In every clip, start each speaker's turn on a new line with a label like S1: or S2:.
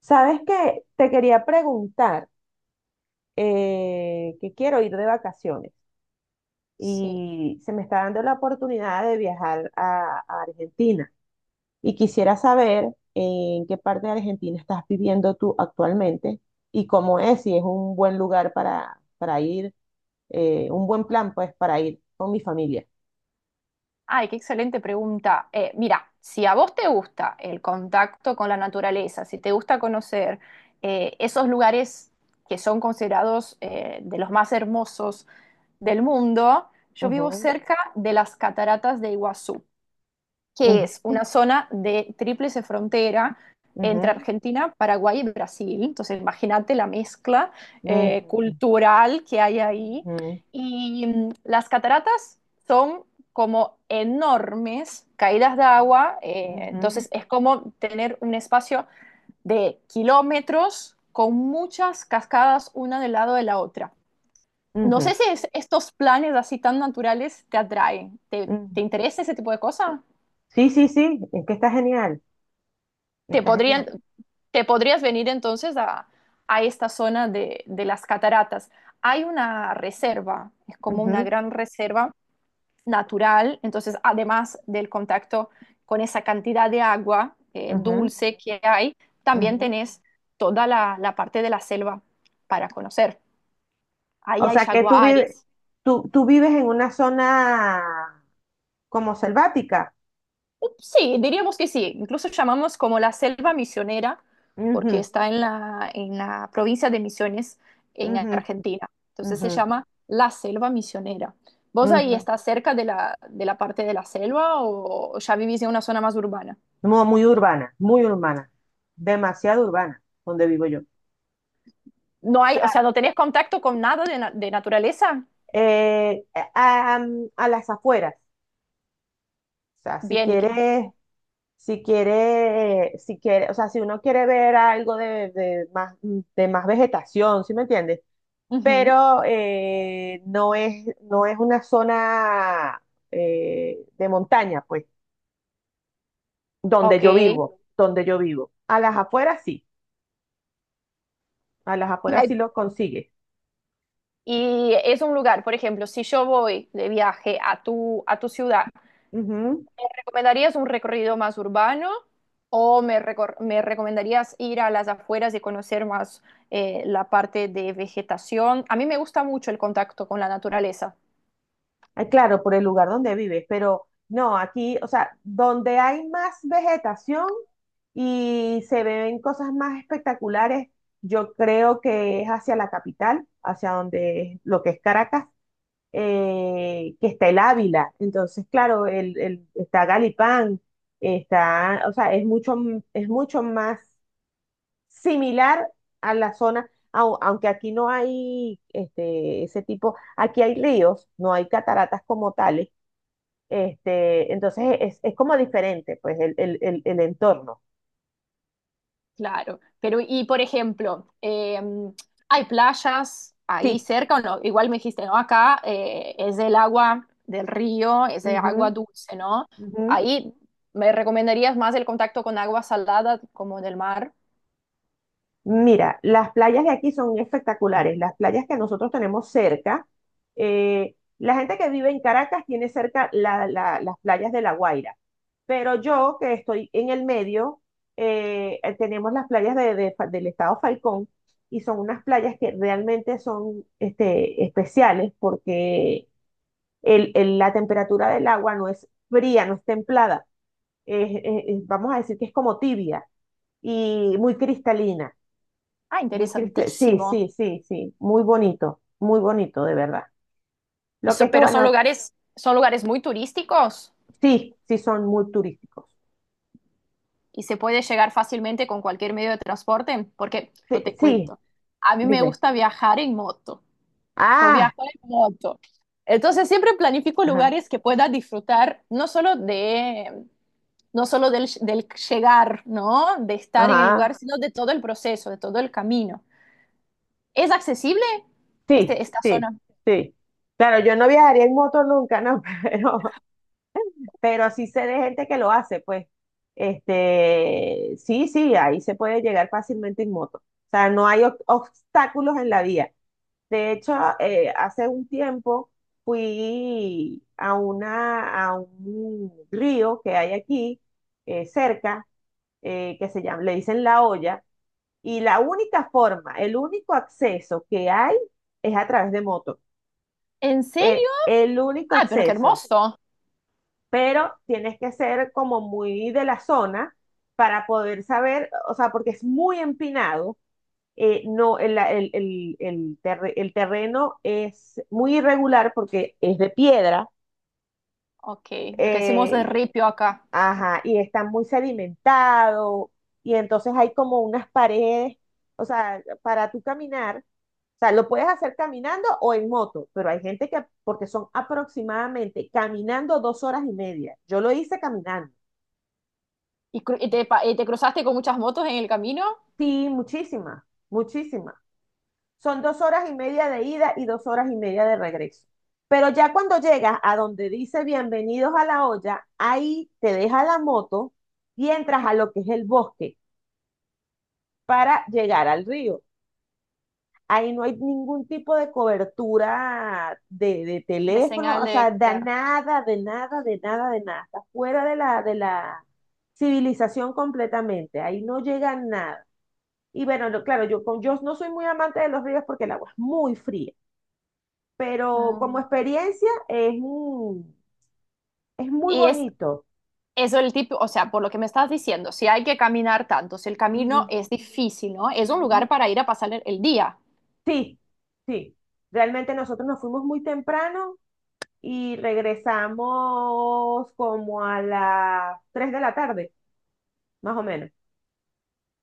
S1: Sabes que te quería preguntar que quiero ir de vacaciones
S2: Sí.
S1: y se me está dando la oportunidad de viajar a Argentina y quisiera saber en qué parte de Argentina estás viviendo tú actualmente y cómo es, si es un buen lugar para ir, un buen plan pues para ir con mi familia.
S2: Ay, qué excelente pregunta. Mira, si a vos te gusta el contacto con la naturaleza, si te gusta conocer esos lugares que son considerados de los más hermosos del mundo, yo vivo
S1: Ujú,
S2: cerca de las cataratas de Iguazú, que es
S1: ujú,
S2: una zona de tríplice frontera entre
S1: ujú,
S2: Argentina, Paraguay y Brasil. Entonces, imagínate la mezcla
S1: ujú,
S2: cultural que hay ahí.
S1: ujú,
S2: Y las cataratas son como enormes caídas de agua,
S1: ujú,
S2: entonces es como tener un espacio de kilómetros con muchas cascadas una del lado de la otra. No
S1: ujú,
S2: sé si estos planes así tan naturales te atraen.
S1: ujú.
S2: Te interesa ese tipo de cosas?
S1: Sí, sí, sí, es que está genial,
S2: Te
S1: está
S2: podrían,
S1: genial.
S2: Te podrías venir entonces a esta zona de las cataratas. Hay una reserva, es como una
S1: Ujú,
S2: gran reserva natural, entonces además del contacto con esa cantidad de agua
S1: ujú,
S2: dulce que hay, también
S1: ujú.
S2: tenés toda la, la parte de la selva para conocer. Ahí
S1: O
S2: hay
S1: sea que tú vives,
S2: jaguares.
S1: tú vives en una zona como selvática.
S2: Sí, diríamos que sí. Incluso llamamos como la selva misionera porque
S1: Ujú,
S2: está en la provincia de Misiones en
S1: ujú.
S2: Argentina. Entonces se
S1: Ujú,
S2: llama la selva misionera. ¿Vos ahí
S1: ujú.
S2: estás cerca de la parte de la selva o ya vivís en una zona más urbana?
S1: No, muy urbana, demasiado urbana donde vivo yo. O
S2: No hay, o sea,
S1: sea,
S2: no tenés contacto con nada de, de naturaleza.
S1: eh, a, a- a las afueras. O sea,
S2: Bien,
S1: si quiere, o sea, si uno quiere ver algo de más vegetación, ¿sí me entiendes?
S2: ujú,
S1: Pero no es, no es una zona de montaña, pues, donde
S2: ok.
S1: yo vivo, donde yo vivo. A las afueras sí, a las afueras sí
S2: Hay-
S1: lo consigues.
S2: y es un lugar, por ejemplo, si yo voy de viaje a tu ciudad. ¿Me recomendarías un recorrido más urbano o me, me recomendarías ir a las afueras y conocer más la parte de vegetación? A mí me gusta mucho el contacto con la naturaleza.
S1: Ah, claro, por el lugar donde vives, pero no, aquí, o sea, donde hay más vegetación y se ven cosas más espectaculares, yo creo que es hacia la capital, hacia lo que es Caracas, que está el Ávila. Entonces, claro, está Galipán, está, o sea, es mucho, es mucho más similar a la zona, aunque aquí no hay este, ese tipo, aquí hay ríos, no hay cataratas como tales este, entonces es como diferente, pues, el entorno.
S2: Claro, pero y por ejemplo, ¿hay playas ahí
S1: Sí.
S2: cerca o no? Igual me dijiste, ¿no? Acá es del agua del río, es de
S1: Ujú,
S2: agua dulce, ¿no?
S1: ujú.
S2: Ahí me recomendarías más el contacto con agua salada como del mar.
S1: Mira, las playas de aquí son espectaculares. Las playas que nosotros tenemos cerca, la gente que vive en Caracas tiene cerca las playas de La Guaira, pero yo que estoy en el medio, tenemos las playas del estado Falcón y son unas playas que realmente son este, especiales porque la temperatura del agua no es fría, no es templada, vamos a decir que es como tibia y muy cristalina,
S2: Ah,
S1: muy cristal, sí,
S2: interesantísimo.
S1: sí, sí, sí, muy bonito, de verdad.
S2: Y
S1: Lo que es que,
S2: pero
S1: bueno,
S2: son lugares muy turísticos
S1: sí, sí son muy turísticos.
S2: y se puede llegar fácilmente con cualquier medio de transporte, porque yo
S1: Sí,
S2: te
S1: sí,
S2: cuento, a mí me
S1: dime.
S2: gusta viajar en moto. Yo
S1: Ah,
S2: viajo en moto. Entonces siempre planifico
S1: ajá,
S2: lugares que pueda disfrutar no solo de, no solo del, del llegar, ¿no? De estar en el
S1: ajá,
S2: lugar, sino de todo el proceso, de todo el camino. ¿Es accesible
S1: sí,
S2: este, esta zona?
S1: sí, sí. Claro, yo no viajaría en moto nunca, ¿no? Pero sí sé de gente que lo hace, pues, este, sí, sí, ahí se puede llegar fácilmente en moto. O sea, no hay obstáculos en la vía. De hecho, hace un tiempo fui a una, a un río que hay aquí, cerca, que se llama, le dicen La Olla, y la única forma, el único acceso que hay es a través de moto.
S2: ¿En serio?
S1: El único
S2: Ah, pero qué
S1: acceso
S2: hermoso.
S1: pero tienes que ser como muy de la zona para poder saber, o sea, porque es muy empinado, no, el terreno es muy irregular porque es de piedra,
S2: Ok, lo que decimos de
S1: eh,
S2: ripio acá.
S1: ajá, y está muy sedimentado, y entonces hay como unas paredes, o sea, para tú caminar. O sea, lo puedes hacer caminando o en moto, pero hay gente que, porque son aproximadamente caminando 2 horas y media. Yo lo hice caminando.
S2: ¿Y, y te, y te cruzaste con muchas motos en el camino?
S1: Sí, muchísima, muchísima. Son 2 horas y media de ida y 2 horas y media de regreso. Pero ya cuando llegas a donde dice bienvenidos a la olla, ahí te deja la moto y entras a lo que es el bosque para llegar al río. Ahí no hay ningún tipo de cobertura de
S2: De
S1: teléfono,
S2: señal
S1: o sea,
S2: de,
S1: de
S2: claro.
S1: nada, de nada, de nada, de nada. Está fuera de de la civilización completamente. Ahí no llega nada. Y bueno, claro, yo, con, yo no soy muy amante de los ríos porque el agua es muy fría, pero
S2: Ah.
S1: como experiencia es, es muy
S2: Y es
S1: bonito.
S2: eso el tipo, o sea, por lo que me estás diciendo, si hay que caminar tanto, si el camino
S1: Ujú,
S2: es difícil, ¿no? Es un
S1: ujú.
S2: lugar para ir a pasar el día.
S1: Sí, sí. Realmente nosotros nos fuimos muy temprano y regresamos como a las 3 de la tarde, más o menos.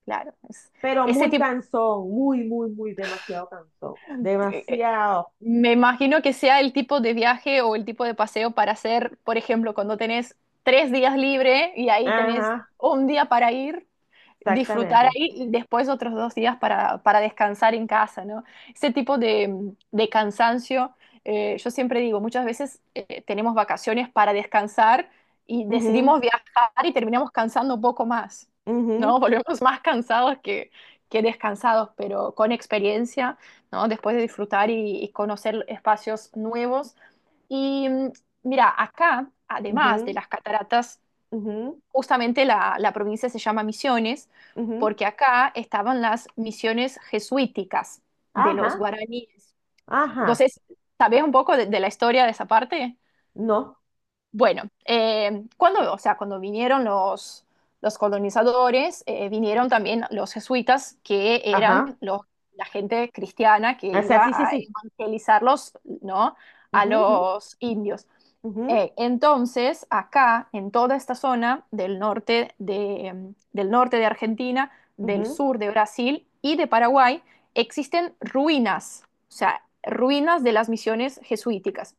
S2: Claro, es-
S1: Pero
S2: Ese
S1: muy
S2: tipo,
S1: cansón, muy, muy, muy demasiado cansón.
S2: eh, eh,
S1: Demasiado.
S2: me imagino que sea el tipo de viaje o el tipo de paseo para hacer, por ejemplo, cuando tenés tres días libre y ahí tenés
S1: Ajá,
S2: un día para ir, disfrutar
S1: exactamente.
S2: ahí y después otros dos días para descansar en casa, ¿no? Ese tipo de cansancio. Yo siempre digo, muchas veces tenemos vacaciones para descansar y
S1: Ujú,
S2: decidimos viajar y terminamos cansando un poco más, ¿no?
S1: ujú,
S2: Volvemos más cansados que descansados, pero con experiencia, ¿no? Después de disfrutar y conocer espacios nuevos. Y mira, acá, además de
S1: ujú,
S2: las cataratas,
S1: ujú,
S2: justamente la, la provincia se llama Misiones,
S1: ujú.
S2: porque acá estaban las misiones jesuíticas de los
S1: Ajá.
S2: guaraníes. No
S1: Ajá,
S2: sé, si- ¿Sabés un poco de la historia de esa parte?
S1: no,
S2: Bueno, cuando, o sea, cuando vinieron los colonizadores, vinieron también los jesuitas, que eran
S1: ajá.
S2: los, la gente cristiana que
S1: O sea,
S2: iba
S1: sí, sí,
S2: a
S1: sí.
S2: evangelizarlos, ¿no? A
S1: Ujú,
S2: los indios.
S1: ujú,
S2: Entonces, acá, en toda esta zona del norte de, del norte de Argentina, del
S1: ujú,
S2: sur de Brasil y de Paraguay, existen ruinas, o sea, ruinas de las misiones jesuíticas.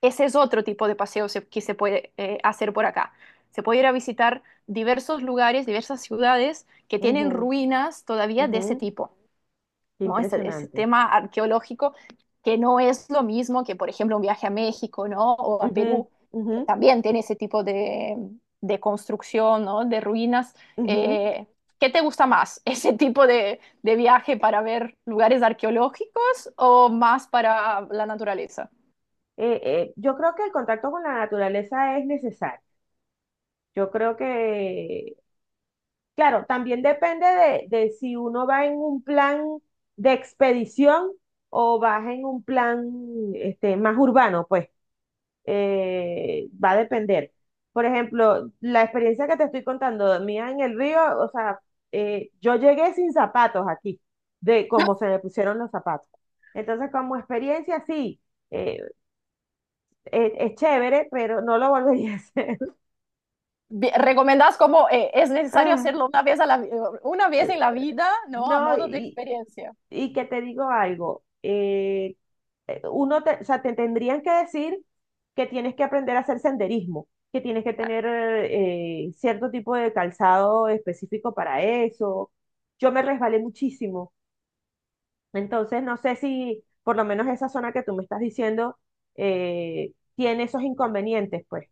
S2: Ese es otro tipo de paseo que se puede hacer por acá. Se puede ir a visitar diversos lugares, diversas ciudades que tienen
S1: ujú,
S2: ruinas todavía
S1: ujú,
S2: de
S1: ujú.
S2: ese tipo,
S1: Qué
S2: ¿no? Ese
S1: impresionante.
S2: tema arqueológico que no es lo mismo que, por ejemplo, un viaje a México, ¿no? O a
S1: Ujú,
S2: Perú,
S1: ujú,
S2: que también tiene ese tipo de construcción, ¿no? De ruinas.
S1: ujú.
S2: Eh, ¿Qué te gusta más? ¿Ese tipo de viaje para ver lugares arqueológicos o más para la naturaleza?
S1: Yo creo que el contacto con la naturaleza es necesario. Yo creo que, claro, también depende de si uno va en un plan de expedición o vas en un plan este, más urbano, pues. Va a depender. Por ejemplo, la experiencia que te estoy contando mía en el río, o sea, yo llegué sin zapatos aquí, de cómo se me pusieron los zapatos. Entonces, como experiencia, sí, eh, es chévere, pero no lo volvería a hacer.
S2: ¿Recomendás cómo es necesario
S1: Ah,
S2: hacerlo una vez, una vez
S1: eh,
S2: en la vida, ¿no? A
S1: no,
S2: modo de experiencia.
S1: y que te digo algo, uno te, o sea, te tendrían que decir que tienes que aprender a hacer senderismo, que tienes que tener cierto tipo de calzado específico para eso. Yo me resbalé muchísimo, entonces no sé si por lo menos esa zona que tú me estás diciendo tiene esos inconvenientes, pues,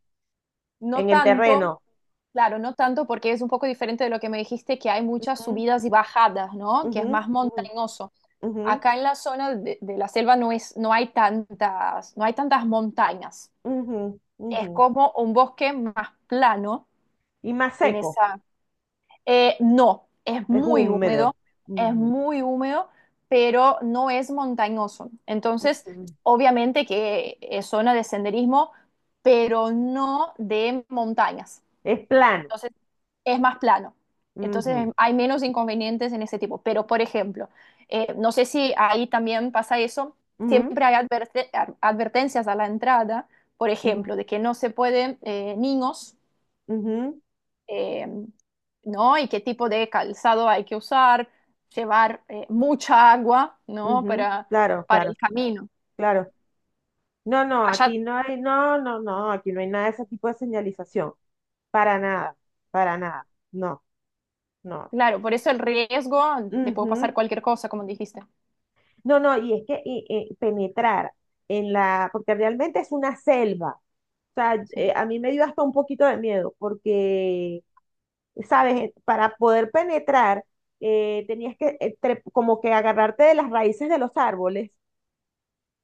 S2: No
S1: en el
S2: tanto,
S1: terreno.
S2: claro, no tanto porque es un poco diferente de lo que me dijiste, que hay muchas
S1: Ujú,
S2: subidas y bajadas, ¿no? Que es
S1: ujú,
S2: más
S1: ujú,
S2: montañoso. Acá en la zona de la selva no es, no hay tantas, no hay tantas montañas.
S1: ujú, ujú,
S2: Es
S1: ujú.
S2: como un bosque más plano
S1: Y más
S2: en
S1: seco,
S2: esa, no,
S1: es húmedo.
S2: es
S1: Ujú,
S2: muy húmedo, pero no es montañoso. Entonces,
S1: ujú.
S2: obviamente que es zona de senderismo, pero no de montañas.
S1: Es plano.
S2: Entonces, es más plano. Entonces,
S1: Ujú,
S2: hay menos inconvenientes en ese tipo. Pero, por ejemplo, no sé si ahí también pasa eso,
S1: ujú,
S2: siempre hay advertencias a la entrada, por
S1: ujú.
S2: ejemplo, de que no se pueden niños
S1: Ujú,
S2: eh, ¿no? Y qué tipo de calzado hay que usar, llevar mucha agua, ¿no?
S1: ujú, claro,
S2: Para
S1: claro,
S2: el camino.
S1: claro. No, no,
S2: Allá,
S1: aquí no hay, no, no, no, aquí no hay nada de ese tipo de señalización. Para nada, para nada. No, no.
S2: claro, por eso el riesgo, te puede pasar
S1: Ujú.
S2: cualquier cosa, como dijiste.
S1: No, no, y es que y penetrar en la, porque realmente es una selva. O sea,
S2: Sí.
S1: a mí me dio hasta un poquito de miedo, porque, ¿sabes? Para poder penetrar, tenías que como que agarrarte de las raíces de los árboles.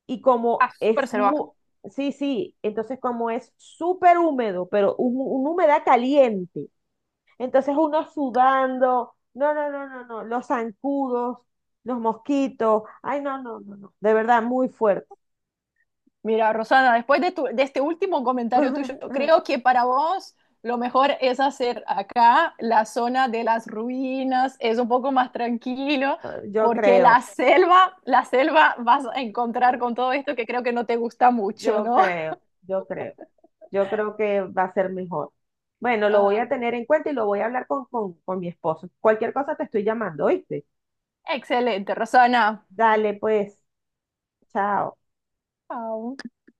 S1: Y
S2: Ah,
S1: como
S2: súper
S1: es
S2: salvaje.
S1: muy, sí, sí, entonces como es súper húmedo, pero un, una humedad caliente, entonces uno sudando, no, no, no, no, no, los zancudos, los mosquitos, ay, no, no, no, no, de verdad, muy fuerte.
S2: Mira, Rosana, después de, de este último comentario tuyo, creo que para vos lo mejor es hacer acá la zona de las ruinas, es un poco más tranquilo,
S1: Yo
S2: porque
S1: creo,
S2: la selva vas a encontrar con todo esto que creo que no te gusta mucho,
S1: yo
S2: ¿no?
S1: creo, yo creo, yo creo que va a ser mejor. Bueno, lo voy
S2: Ah,
S1: a tener en cuenta y lo voy a hablar con mi esposo. Cualquier cosa te estoy llamando, ¿oíste?
S2: excelente, Rosana.
S1: Dale, pues, chao.
S2: Au.